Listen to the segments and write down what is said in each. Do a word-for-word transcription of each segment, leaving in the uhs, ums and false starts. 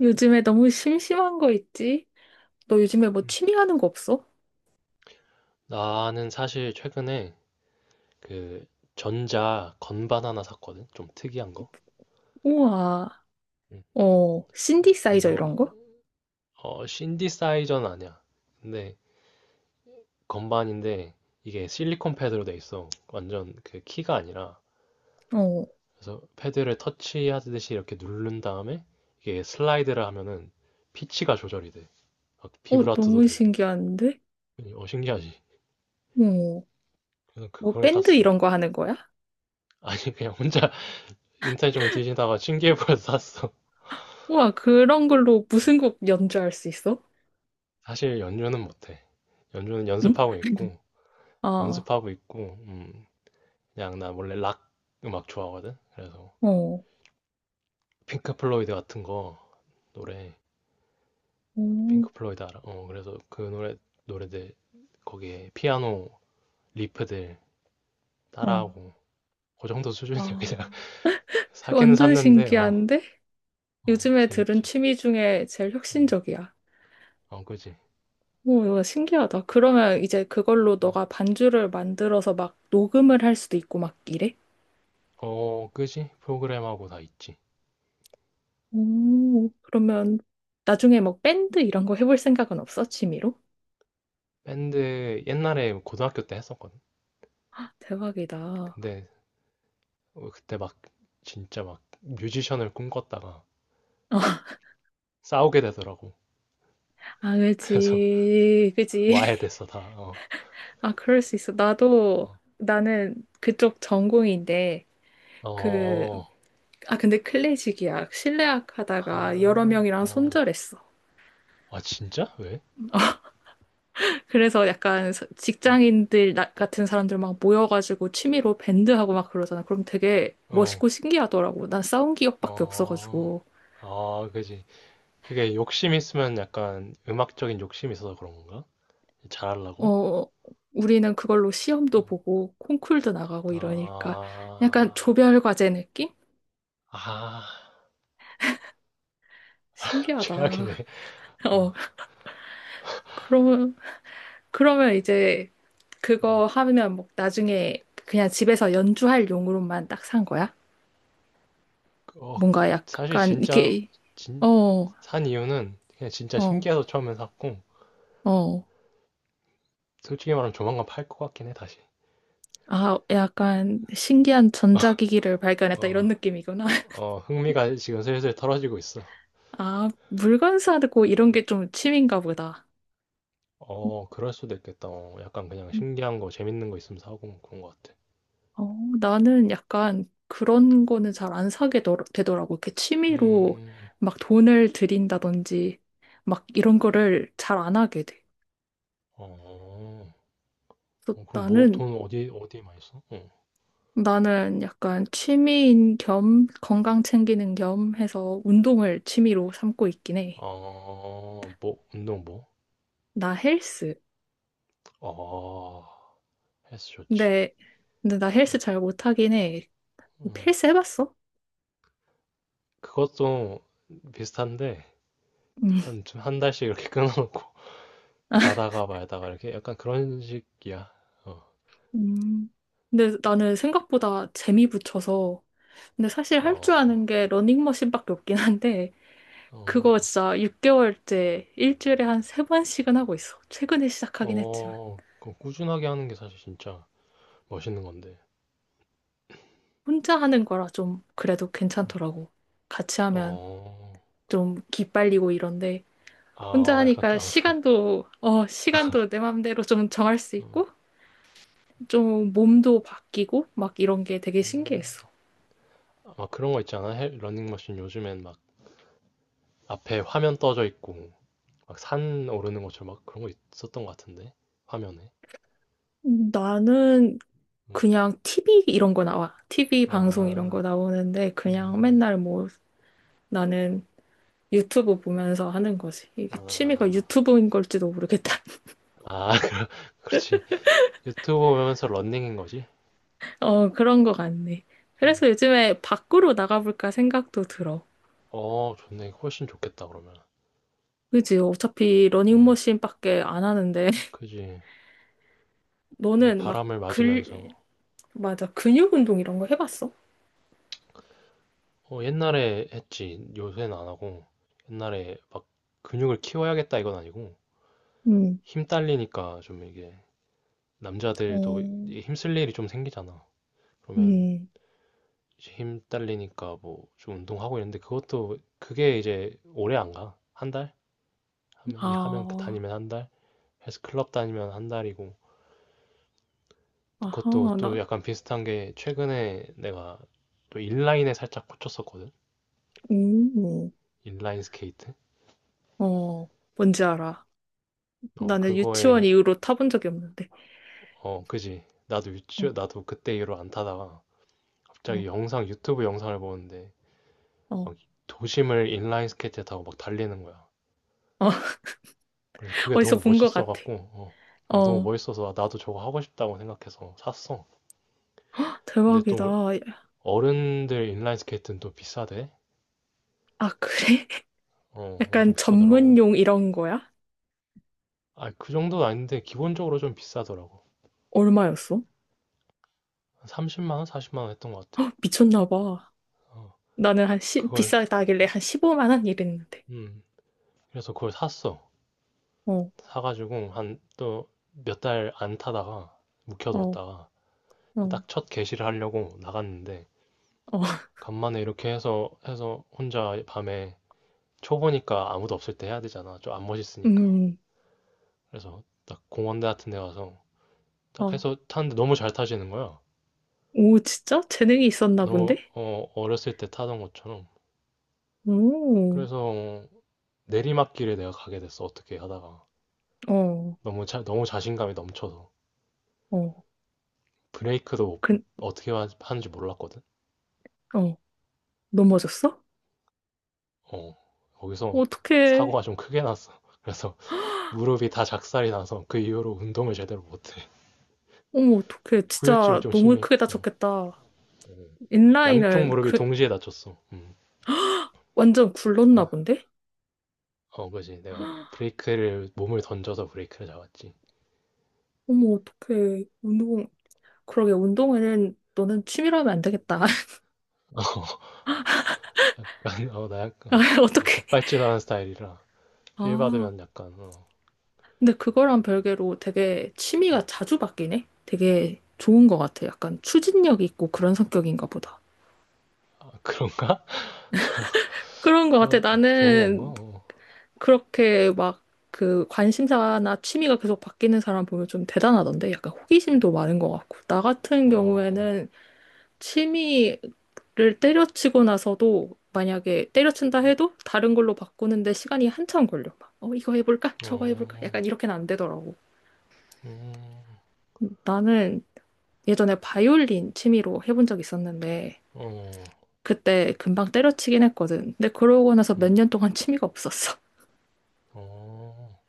요즘에 너무 심심한 거 있지? 너 요즘에 뭐 음. 취미 하는 거 없어? 나는 사실 최근에 그 전자 건반 하나 샀거든. 좀 특이한 거. 우와. 음. 어, 신디사이저 그래서 이- 이런 거? 어 신디사이저는 아니야. 근데 건반인데 이게 실리콘 패드로 돼 있어. 완전 그 키가 아니라. 어, 그래서 패드를 터치하듯이 이렇게 누른 다음에 이게 슬라이드를 하면은 피치가 조절이 돼. 막 어, 비브라토도 너무 되고. 신기한데? 어 신기하지. 어, 그래서 뭐 그걸 밴드 샀어. 이런 거 하는 거야? 아니, 그냥 혼자 인터넷 좀 뒤지다가 신기해 보여서 샀어. 우와, 그런 걸로 무슨 곡 연주할 수 있어? 사실 연주는 못해. 연주는 응? 연습하고 있고, 아, 연습하고 있고, 음, 그냥 나 원래 락 음악 좋아하거든? 그래서 어, 핑크 플로이드 같은 거 노래, 음, 핑크 플로이드 알아? 어, 그래서 그 노래, 노래들 거기에 피아노 리프들 어, 따라하고, 그 정도 수준이야. 그냥 아, 사기는 완전 샀는데, 어, 신기한데? 어, 요즘에 들은 재밌지. 취미 중에 제일 음, 혁신적이야. 어, 그지. 오, 이거 신기하다. 그러면 이제 그걸로 음. 너가 반주를 만들어서 막 녹음을 할 수도 있고 막 이래? 어, 그지? 프로그램하고 다 있지. 오, 그러면 나중에 뭐 밴드 이런 거 해볼 생각은 없어? 취미로? 밴드 옛날에 고등학교 때 했었거든. 대박이다. 어, 근데 어, 그때 막 진짜 막 뮤지션을 꿈꿨다가 싸우게 되더라고. 아, 그래서 그지, 와야 그지. 됐어 다. 어, 아, 그럴 수 있어. 나도, 나는 그쪽 전공인데, 어, 그, 어, 아, 근데 클래식이야. 실내악 하다가 여러 아, 명이랑 어, 손절했어. 아, 진짜? 왜? 그래서 약간 서- 어, 직장인들 나- 같은 사람들 막 모여가지고 취미로 밴드하고 막 그러잖아. 그럼 되게 어, 멋있고 신기하더라고. 난 싸운 기억밖에 어, 없어가지고. 아, 그지. 그게 욕심 있으면 약간 음악적인 욕심이 있어서 그런 건가? 잘하려고? 어, 우리는 그걸로 어. 시험도 보고 콩쿨도 나가고 이러니까 약간 아, 조별 과제 느낌? 아, 신기하다. 최악이네. 어, 어, 그러면 그러면 이제 음. 그거 하면 뭐 나중에 그냥 집에서 연주할 용으로만 딱 산 거야? 어, 뭔가 사실 약간 진짜 이게 진, 어, 산 이유는 그냥 진짜 어, 신기해서 처음에 샀고. 어. 솔직히 말하면 조만간 팔 것 같긴 해, 다시. 아, 약간 신기한 전자기기를 발견했다 이런 어, 느낌이구나. 어, 흥미가 지금 슬슬 떨어지고 있어. 아, 물건 사고 이런 게 좀 취미인가 보다. 어, 그럴 수도 있겠다. 어, 약간 그냥 신기한 거, 재밌는 거 있으면 사고 그런 것 같아. 어, 나는 약간 그런 거는 잘 안 사게 더- 되더라고. 이렇게 취미로 음, 막 돈을 들인다든지 막 이런 거를 잘 안 하게 돼. 어, 그래서 어, 그럼 뭐, 나는 돈 어디, 어디에 많이 써? 나는 약간 취미인 겸 건강 챙기는 겸 해서 운동을 취미로 삼고 있긴 해. 어, 어, 뭐, 운동 뭐? 나 헬스. 어, 헬스 좋지. 근데 근데 나 어, 헬스 잘 못하긴 해. 음, 헬스 해봤어? 그것도 비슷한데, 음. 한, 좀한 달씩 이렇게 끊어놓고, 가다가 말다가 이렇게 약간 그런 식이야. 어, 음. 근데 나는 생각보다 재미 붙여서 근데 사실 할 줄 아는 어, 게 러닝머신밖에 없긴 한데, 그거 어. 진짜 육 개월째 일주일에 한 세번씩은 하고 있어. 최근에 시작하긴 했지만. 어, 그 꾸준하게 하는 게 사실 진짜 멋있는 건데. 혼자 하는 거라 좀 그래도 음. 괜찮더라고. 같이 하면 어, 좀 기빨리고 이런데, 혼자 아, 약간, 하니까 그- 아, 그런, 시간도, 어, 시간도 내 맘대로 좀 정할 수 있고, 어, 좀 몸도 바뀌고, 막 이런 게 되게 음. 신기했어. 막 그런 거 있잖아. 헬- 러닝머신 요즘엔 막 앞에 화면 떠져 있고, 막 산 오르는 것처럼 막 그런 거 있었던 것 같은데, 화면에. 음, 나는 음. 그냥 티브이 이런 거 나와. 티브이 방송 이런 거 아, 나오는데, 그냥 음, 맨날 뭐, 나는 유튜브 보면서 하는 거지. 이게 취미가 아, 유튜브인 걸지도 모르겠다. 아, 그렇지. 유튜브 보면서 러닝인 거지. 어, 그런 거 같네. 음. 그래서 요즘에 밖으로 나가볼까 생각도 들어. 어, 좋네. 훨씬 좋겠다, 그러면. 그지? 어차피 음, 러닝머신밖에 안 하는데, 그지. 약간 너는 막 바람을 맞으면서. 글, 맞아. 근육 운동 이런 거 해봤어? 어, 옛날에 했지. 요새는 안 하고. 옛날에 근육을 키워야겠다 이건 아니고. 음. 힘 딸리니까 좀 이게 남자들도 어, 이게 힘쓸 일이 좀 생기잖아. 그러면 음, 이제 힘 딸리니까 뭐 좀 운동하고 이랬는데 그것도 그게 이제 오래 안 가. 한 달? 하면 이 하면 그 아, 다니면 한 달. 헬스 클럽 다니면 한 달이고. 아하, 그것도 또 나, 약간 비슷한 게 최근에 내가 또 인라인에 살짝 꽂혔었거든. 음, 인라인 스케이트. 어, 뭔지 알아. 어, 나는 유치원 그거에 이후로 타본 적이 없는데. 어, 그지. 나도 어, 유튜, 나도 그때 이후로 안 타다가 어, 갑자기 영상, 유튜브 영상을 보는데 어, 막 도심을 인라인 스케이트 타고 막 달리는 거야. 어, 그래서 그게 어디서 너무 본 것 같아. 멋있어갖고, 어, 어, 너무 어, 멋있어서 나도 저거 하고 싶다고 생각해서 샀어. 근데 대박이다. 또 어른들 인라인 스케이트는 또 비싸대. 아, 그래? 어, 엄청 약간 비싸더라고. 전문용 이런 거야? 아, 그 정도는 아닌데 기본적으로 좀 비싸더라고. 얼마였어? 한 삼십만 원, 사십만 원 했던 것 같아. 헉, 미쳤나 봐. 어, 나는 한 십 그걸, 비싸다길래 한 십오만 원 이랬는데. 음, 그래서 그걸 샀어. 어, 사가지고 한 또 몇 달 안 타다가 어, 묵혀뒀다가 어, 딱 첫 개시를 하려고 나갔는데 어, 간만에 이렇게 해서 해서 혼자 밤에 초보니까 아무도 없을 때 해야 되잖아. 좀 안 멋있으니까. 음, 그래서 딱 공원대 같은 데 가서 딱 어. 해서 탔는데 너무 잘 타시는 거야. 오, 진짜? 재능이 있었나 본데? 너무 어, 어렸을 때 타던 것처럼. 오, 그래서 내리막길에 내가 가게 됐어. 어떻게 하다가 어, 너무 자, 너무 자신감이 넘쳐서 어. 브레이크도 그, 어떻게 하- 하는지 몰랐거든. 어, 넘어졌어? 어, 거기서 어떡해. 사고가 좀 크게 났어. 그래서 무릎이 다 작살이 나서 그 이후로 운동을 제대로 못해. 어머, 어떡해. 후유증이 진짜 좀 너무 심해. 크게 어, 다쳤겠다. 양쪽 인라인은 무릎이 그, 동시에 다쳤어. 음. 완전 굴렀나 본데? 어, 그지. 내가 브레이크를, 몸을 던져서 브레이크를 잡았지. 어머, 어떡해. 운동, 그러게 운동은 너는 취미로 하면 안 되겠다. 약간, 어, 나 약간, 아, 어, 어, 어떻게? 급발진하는 스타일이라, 필 아, 받으면 약간, 어, 근데 그거랑 별개로 되게 취미가 자주 바뀌네. 되게 좋은 것 같아. 약간 추진력 있고 그런 성격인가 보다. 아, 그런가? 그런 것 같아. 그거, 아, 좋은 나는 건가? 그렇게 막 그 관심사나 취미가 계속 바뀌는 사람 보면 좀 대단하던데. 약간 호기심도 많은 것 같고. 나 같은 어, 경우에는 취미를 때려치고 나서도 만약에 때려친다 해도 다른 걸로 바꾸는데 시간이 한참 걸려. 막, 어, 이거 해볼까? 어, 저거 해볼까? 약간 어, 이렇게는 안 되더라고. 음, 나는 예전에 바이올린 취미로 해본 적이 있었는데 어, 그때 금방 때려치긴 했거든. 근데 그러고 나서 몇 음, 년 동안 취미가 없었어. 어,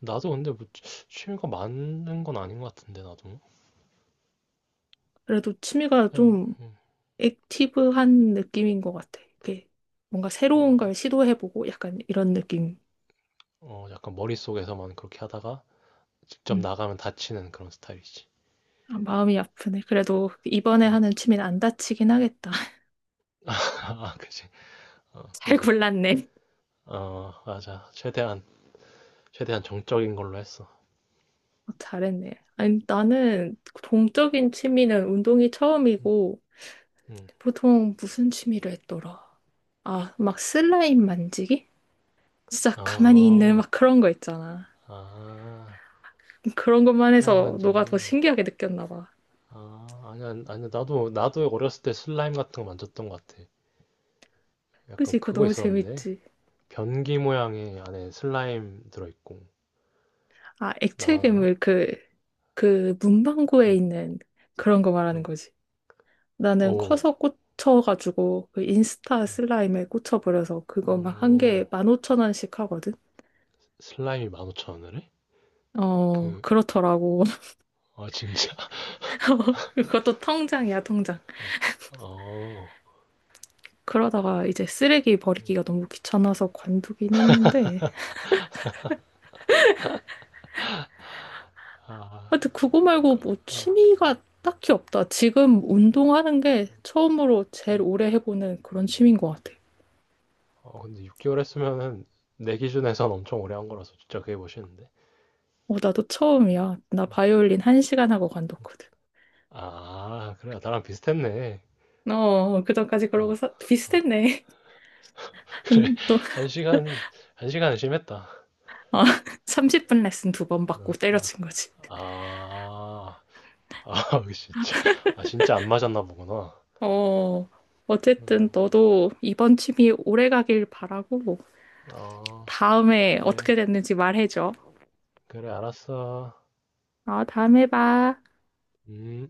나도 근데 뭐 취- 취미가 많은 건 아닌 것 같은데 나도 그래도 취미가 그냥 좀 음, 액티브한 느낌인 것 같아. 이게 뭔가 새로운 어, 걸 시도해보고 약간 이런 느낌. 어, 약간 머릿속에서만 그렇게 하다가 직접 음. 나가면 다치는 그런 스타일이지. 아, 마음이 아프네. 그래도 이번에 어, 하는 취미는 안 다치긴 하겠다. 아, 그지. 어, 잘 그지. 골랐네. 어, 맞아. 최대한 최대한 정적인 걸로 했어. 어, 잘했네. 아니, 나는 동적인 취미는 운동이 음, 처음이고, 음. 보통 무슨 취미를 했더라? 아, 막 슬라임 만지기? 진짜 가만히 있는 어, 막 그런 거 있잖아. 아, 그런 것만 슬라임 해서 너가 더 만지기. 신기하게 느꼈나 봐. 아, 아니야, 아니야. 나도 나도 어렸을 때 슬라임 같은 거 만졌던 것 같아. 약간 그치? 그거 그거 너무 있었는데 재밌지. 변기 모양의 안에 슬라임 들어있고 아, 액체 나만 아나? 괴물 그, 그 문방구에 응, 있는 그런 거 말하는 응. 거지. 나는 오, 커서 꽂혀가지고 그 인스타 음, 슬라임에 꽂혀버려서 그거 막 한 어, 개에 만 오천 원씩 하거든? 슬라임이 만 오천 원을 해? 어, 그, 그렇더라고. 아, 진짜? 그것도 통장이야, 통장. 어, 그러다가 이제 쓰레기 음, 버리기가 너무 귀찮아서 관두긴 했는데. 아, 하여튼 그거 말고 그, 뭐 아, 취미가 딱히 없다. 지금 운동하는 게 음, 처음으로 제일 음. 오래 해보는 그런 취미인 것 같아. 어, 근데 육 개월 했으면은 내 기준에선 엄청 오래 한 거라서 진짜 그게 멋있는데. 어, 나도 처음이야. 나 음. 바이올린 한 시간 하고 음. 관뒀거든. 아, 그래. 나랑 비슷했네. 어, 그전까지 어, 그러고 사, 어. 비슷했네. 그래. 또, 한 시간, 한 시간은 심했다. 아, 삼십 분 레슨 두 번 받고 어, 때려친 거지. 어. 아, 아, 진짜. 아, 진짜 안 맞았나 보구나. 어, 음, 어쨌든 너도 이번 취미 오래 가길 바라고 어, 다음에 그래. 어떻게 됐는지 말해줘. 그래, 알았어. 어, 다음에 봐. 음.